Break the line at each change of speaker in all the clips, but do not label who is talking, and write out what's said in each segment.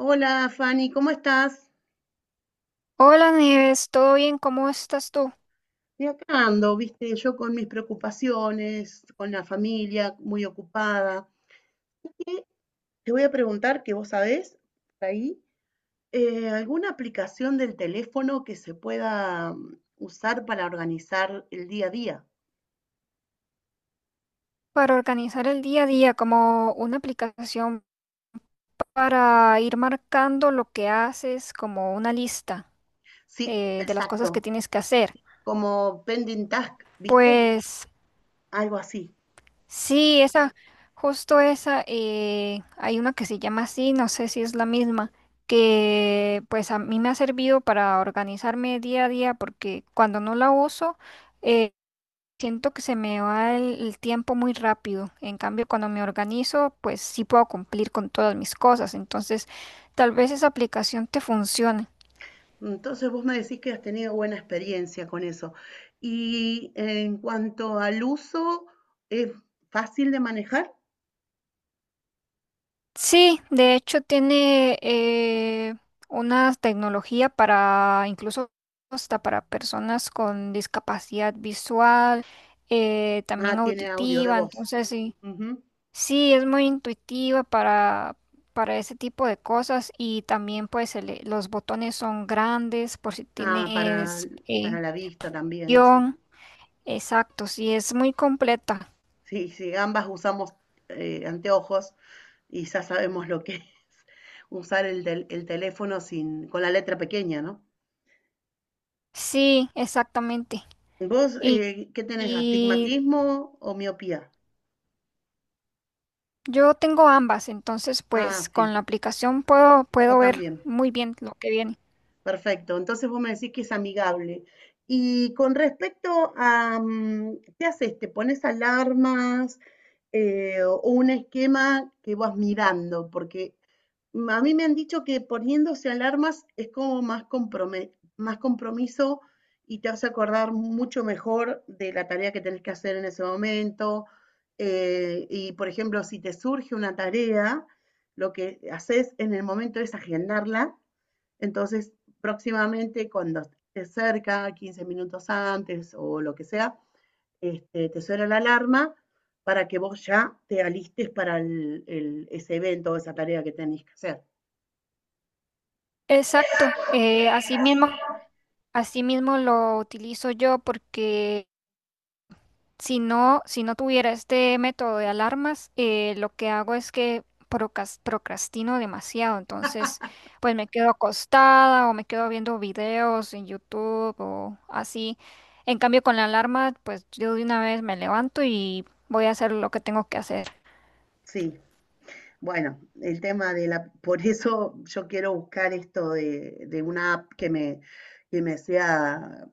Hola Fanny, ¿cómo estás?
Hola Nieves, ¿todo bien? ¿Cómo estás tú?
Y acá ando, viste, yo con mis preocupaciones, con la familia muy ocupada. Y te voy a preguntar que vos sabés, por ahí, alguna aplicación del teléfono que se pueda usar para organizar el día a día.
Para organizar el día a día, como una aplicación para ir marcando lo que haces, como una lista
Sí,
de las cosas que
exacto,
tienes que hacer.
como pending task, viste,
Pues
algo así.
sí, esa, justo esa, hay una que se llama así, no sé si es la misma, que pues a mí me ha servido para organizarme día a día porque cuando no la uso, eh, siento que se me va el tiempo muy rápido. En cambio, cuando me organizo, pues sí puedo cumplir con todas mis cosas. Entonces, tal vez esa aplicación te funcione.
Entonces vos me decís que has tenido buena experiencia con eso. Y en cuanto al uso, ¿es fácil de manejar?
Sí, de hecho tiene una tecnología para incluso hasta para personas con discapacidad visual, también
Ah, tiene audio de
auditiva.
voz.
Entonces, sí.
Ujú.
Sí, es muy intuitiva para ese tipo de cosas y también pues los botones son grandes por si
Ah,
tienes
para la vista también, sí.
guión. Exacto, sí, es muy completa.
Sí, sí, ambas usamos anteojos y ya sabemos lo que es usar el, el teléfono sin, con la letra pequeña, ¿no?
Sí, exactamente.
¿Vos
Y,
qué tenés?
y
¿Astigmatismo o miopía?
yo tengo ambas, entonces
Ah,
pues
sí,
con la aplicación
yo
puedo ver
también.
muy bien lo que viene.
Perfecto. Entonces vos me decís que es amigable. Y con respecto a, ¿qué haces? ¿Te pones alarmas o un esquema que vas mirando? Porque a mí me han dicho que poniéndose alarmas es como más, más compromiso y te hace acordar mucho mejor de la tarea que tenés que hacer en ese momento. Y, por ejemplo, si te surge una tarea, lo que haces en el momento es agendarla. Entonces, próximamente, cuando estés cerca, 15 minutos antes o lo que sea, este, te suena la alarma para que vos ya te alistes para ese evento o esa tarea que tenés que hacer.
Exacto, así mismo lo utilizo yo porque... Si no, si no tuviera este método de alarmas, lo que hago es que procrastino demasiado. Entonces, pues me quedo acostada o me quedo viendo videos en YouTube o así. En cambio, con la alarma, pues yo de una vez me levanto y voy a hacer lo que tengo que hacer.
Sí, bueno, el tema de la, por eso yo quiero buscar esto de una app que me sea,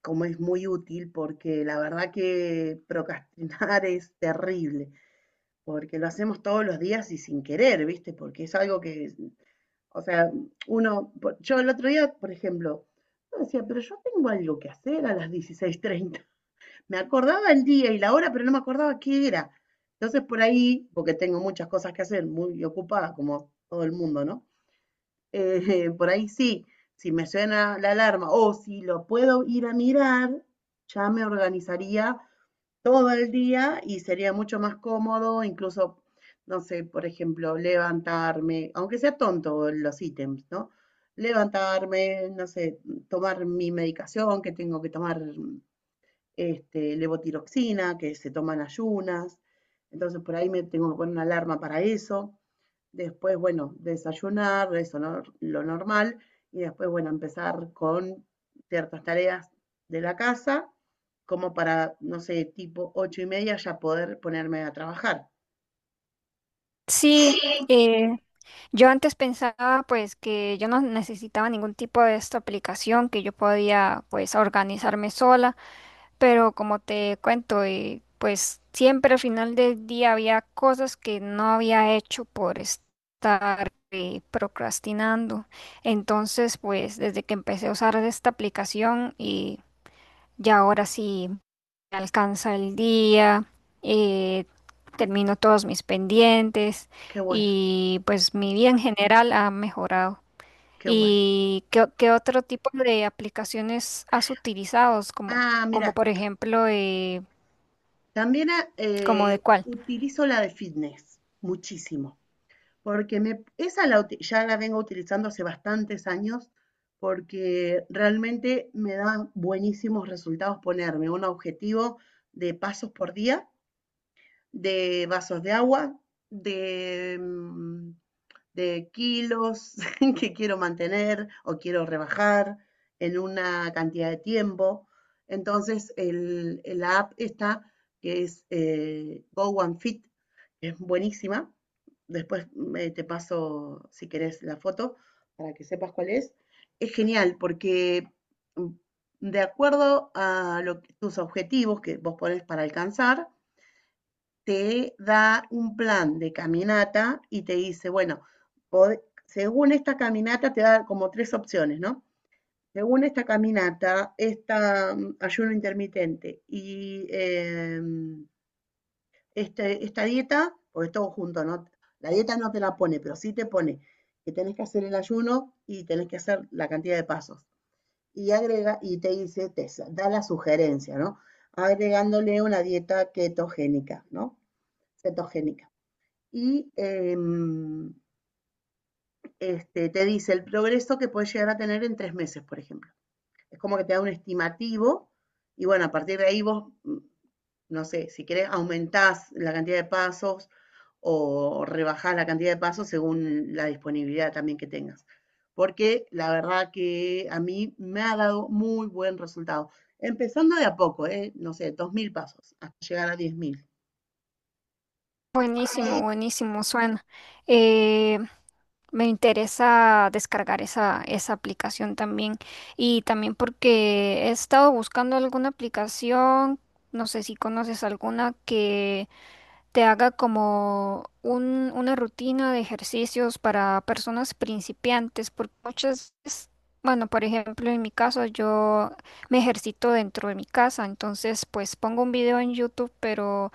como es muy útil, porque la verdad que procrastinar es terrible, porque lo hacemos todos los días y sin querer, ¿viste? Porque es algo que, o sea, uno, yo el otro día, por ejemplo, yo decía, pero yo tengo algo que hacer a las 16:30, me acordaba el día y la hora, pero no me acordaba qué era. Entonces por ahí, porque tengo muchas cosas que hacer, muy ocupada como todo el mundo, ¿no? Por ahí sí, si me suena la alarma o si lo puedo ir a mirar, ya me organizaría todo el día y sería mucho más cómodo, incluso, no sé, por ejemplo, levantarme, aunque sea tonto los ítems, ¿no? Levantarme, no sé, tomar mi medicación que tengo que tomar, este, levotiroxina que se toman ayunas, entonces por ahí me tengo que poner una alarma para eso. Después, bueno, desayunar, eso no, lo normal, y después, bueno, empezar con ciertas tareas de la casa, como para, no sé, tipo ocho y media ya poder ponerme a trabajar.
Sí, eh, yo antes pensaba pues que yo no necesitaba ningún tipo de esta aplicación, que yo podía pues organizarme sola. Pero como te cuento, pues siempre al final del día había cosas que no había hecho por estar procrastinando. Entonces, pues desde que empecé a usar esta aplicación y ya ahora sí me alcanza el día, eh, termino todos mis pendientes
Qué bueno,
y pues mi vida en general ha mejorado.
qué bueno.
¿Y qué, qué otro tipo de aplicaciones has utilizado? Como,
Ah,
como
mira,
por ejemplo,
también
¿Como de cuál?
utilizo la de fitness, muchísimo. Porque me, esa la ya la vengo utilizando hace bastantes años porque realmente me da buenísimos resultados ponerme un objetivo de pasos por día, de vasos de agua, de de kilos que quiero mantener o quiero rebajar en una cantidad de tiempo. Entonces, el, la app esta, que es Go and Fit, que es buenísima. Después te paso, si querés, la foto para que sepas cuál es. Es genial porque mm, de acuerdo a lo, que, tus objetivos que vos pones para alcanzar, te da un plan de caminata y te dice, bueno, según esta caminata te da como tres opciones, ¿no? Según esta caminata, esta ayuno intermitente y esta dieta, porque es todo junto, ¿no? La dieta no te la pone, pero sí te pone que tenés que hacer el ayuno y tenés que hacer la cantidad de pasos. Y agrega, y te dice, te da la sugerencia, ¿no? Agregándole una dieta ketogénica, ¿no? Cetogénica y este, te dice el progreso que puedes llegar a tener en 3 meses, por ejemplo. Es como que te da un estimativo y bueno, a partir de ahí vos, no sé, si querés aumentás la cantidad de pasos o rebajás la cantidad de pasos según la disponibilidad también que tengas. Porque la verdad que a mí me ha dado muy buen resultado. Empezando de a poco, ¿eh? No sé, 2,000 pasos hasta llegar a 10,000.
Buenísimo, buenísimo, suena. Eh, me interesa descargar esa aplicación también. Y también porque he estado buscando alguna aplicación, no sé si conoces alguna que te haga como una rutina de ejercicios para personas principiantes, porque muchas veces, bueno, por ejemplo, en mi caso yo me ejercito dentro de mi casa, entonces pues pongo un video en YouTube, pero...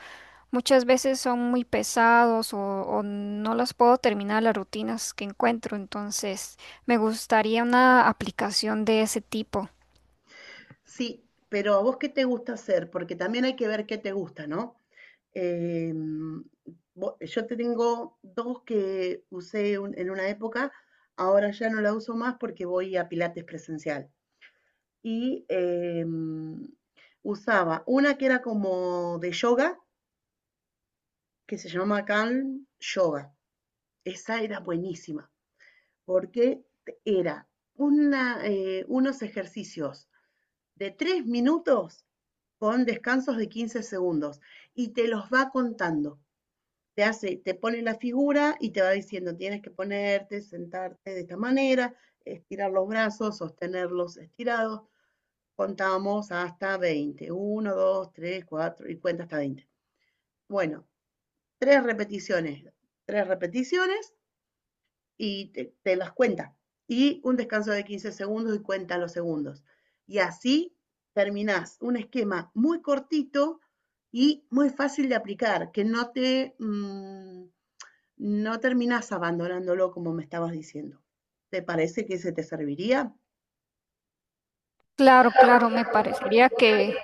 Muchas veces son muy pesados o no las puedo terminar las rutinas que encuentro, entonces me gustaría una aplicación de ese tipo.
Sí, pero ¿a vos qué te gusta hacer? Porque también hay que ver qué te gusta, ¿no? Eh, yo tengo dos que usé en una época, ahora ya no la uso más porque voy a Pilates presencial. Y usaba una que era como de yoga, que se llamaba Calm Yoga. Esa era buenísima porque era una, unos ejercicios de 3 minutos con descansos de 15 segundos y te los va contando. Te hace, te pone la figura y te va diciendo, tienes que ponerte, sentarte de esta manera, estirar los brazos, sostenerlos estirados. Contamos hasta veinte, uno, dos, tres, cuatro, y cuenta hasta veinte. Bueno, tres repeticiones, tres repeticiones y te las cuenta. Y un descanso de 15 segundos y cuenta los segundos. Y así terminás un esquema muy cortito y muy fácil de aplicar, que no te... no terminas abandonándolo como me estabas diciendo. ¿Te parece que se te serviría?
Claro, claro, me parecería que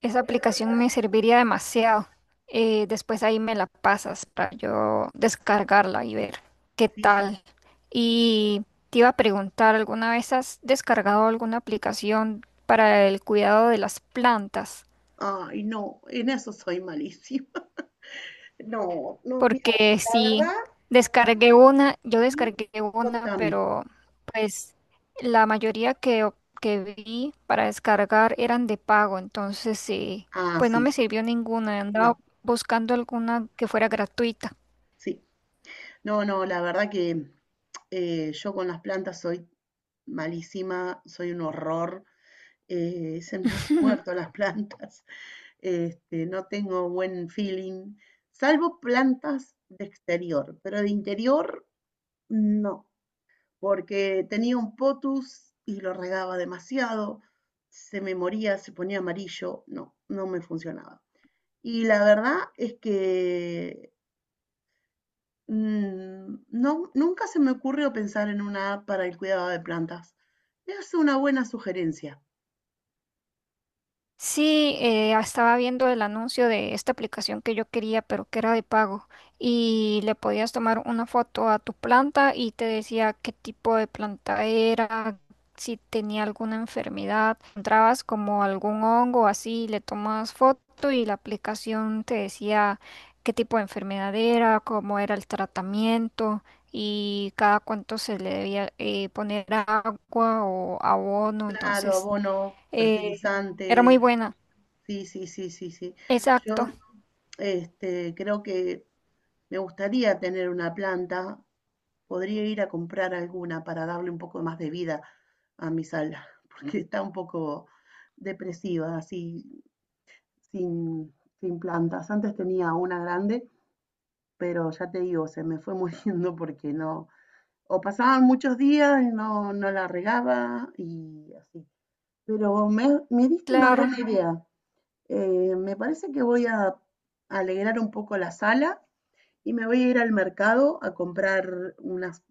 esa aplicación me serviría demasiado. Después ahí me la pasas para yo descargarla y ver qué
Sí, sí.
tal. Y te iba a preguntar, ¿alguna vez has descargado alguna aplicación para el cuidado de las plantas?
Ay, no, en eso soy malísima. No, no, mira,
Porque
la
sí,
verdad,
descargué una, yo
y
descargué una,
contame.
pero pues la mayoría que vi para descargar eran de pago, entonces sí,
Ah,
pues no
sí,
me
sí,
sirvió ninguna, andaba
no,
buscando alguna que fuera gratuita.
sí. No, no, la verdad que yo con las plantas soy malísima, soy un horror. Se me han muerto las plantas. Este, no tengo buen feeling, salvo plantas de exterior, pero de interior no, porque tenía un potus y lo regaba demasiado, se me moría, se ponía amarillo, no, no me funcionaba. Y la verdad es que no, nunca se me ocurrió pensar en una app para el cuidado de plantas. Es una buena sugerencia.
Sí, estaba viendo el anuncio de esta aplicación que yo quería, pero que era de pago. Y le podías tomar una foto a tu planta y te decía qué tipo de planta era, si tenía alguna enfermedad. Encontrabas como algún hongo así, le tomas foto y la aplicación te decía qué tipo de enfermedad era, cómo era el tratamiento y cada cuánto se le debía poner agua o abono.
Claro,
Entonces,
abono,
eh, era
fertilizante,
muy buena.
sí, sí, sí, sí, sí.
Exacto,
Yo, este, creo que me gustaría tener una planta. Podría ir a comprar alguna para darle un poco más de vida a mi sala, porque está un poco depresiva, así, sin, sin plantas. Antes tenía una grande, pero ya te digo, se me fue muriendo porque no, o pasaban muchos días y no, no la regaba y así. Pero me diste una
claro.
buena idea. Me parece que voy a alegrar un poco la sala y me voy a ir al mercado a comprar unas,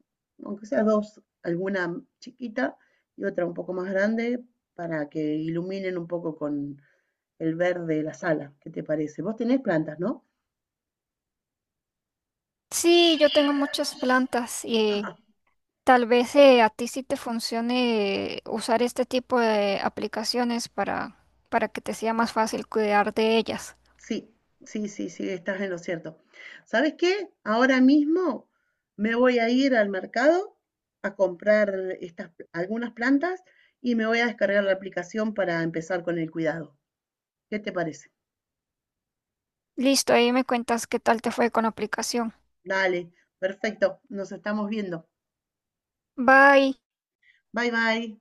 aunque sea dos, alguna chiquita y otra un poco más grande para que iluminen un poco con el verde de la sala. ¿Qué te parece? Vos tenés plantas, ¿no?
Sí, yo tengo muchas plantas y
Ajá.
tal vez a ti sí te funcione usar este tipo de aplicaciones para que te sea más fácil cuidar de ellas.
Sí, sí, sí, sí, estás en lo cierto. ¿Sabes qué? Ahora mismo me voy a ir al mercado a comprar estas, algunas plantas y me voy a descargar la aplicación para empezar con el cuidado. ¿Qué te parece?
Listo, ahí me cuentas qué tal te fue con la aplicación.
Dale, perfecto, nos estamos viendo.
Bye.
Bye bye.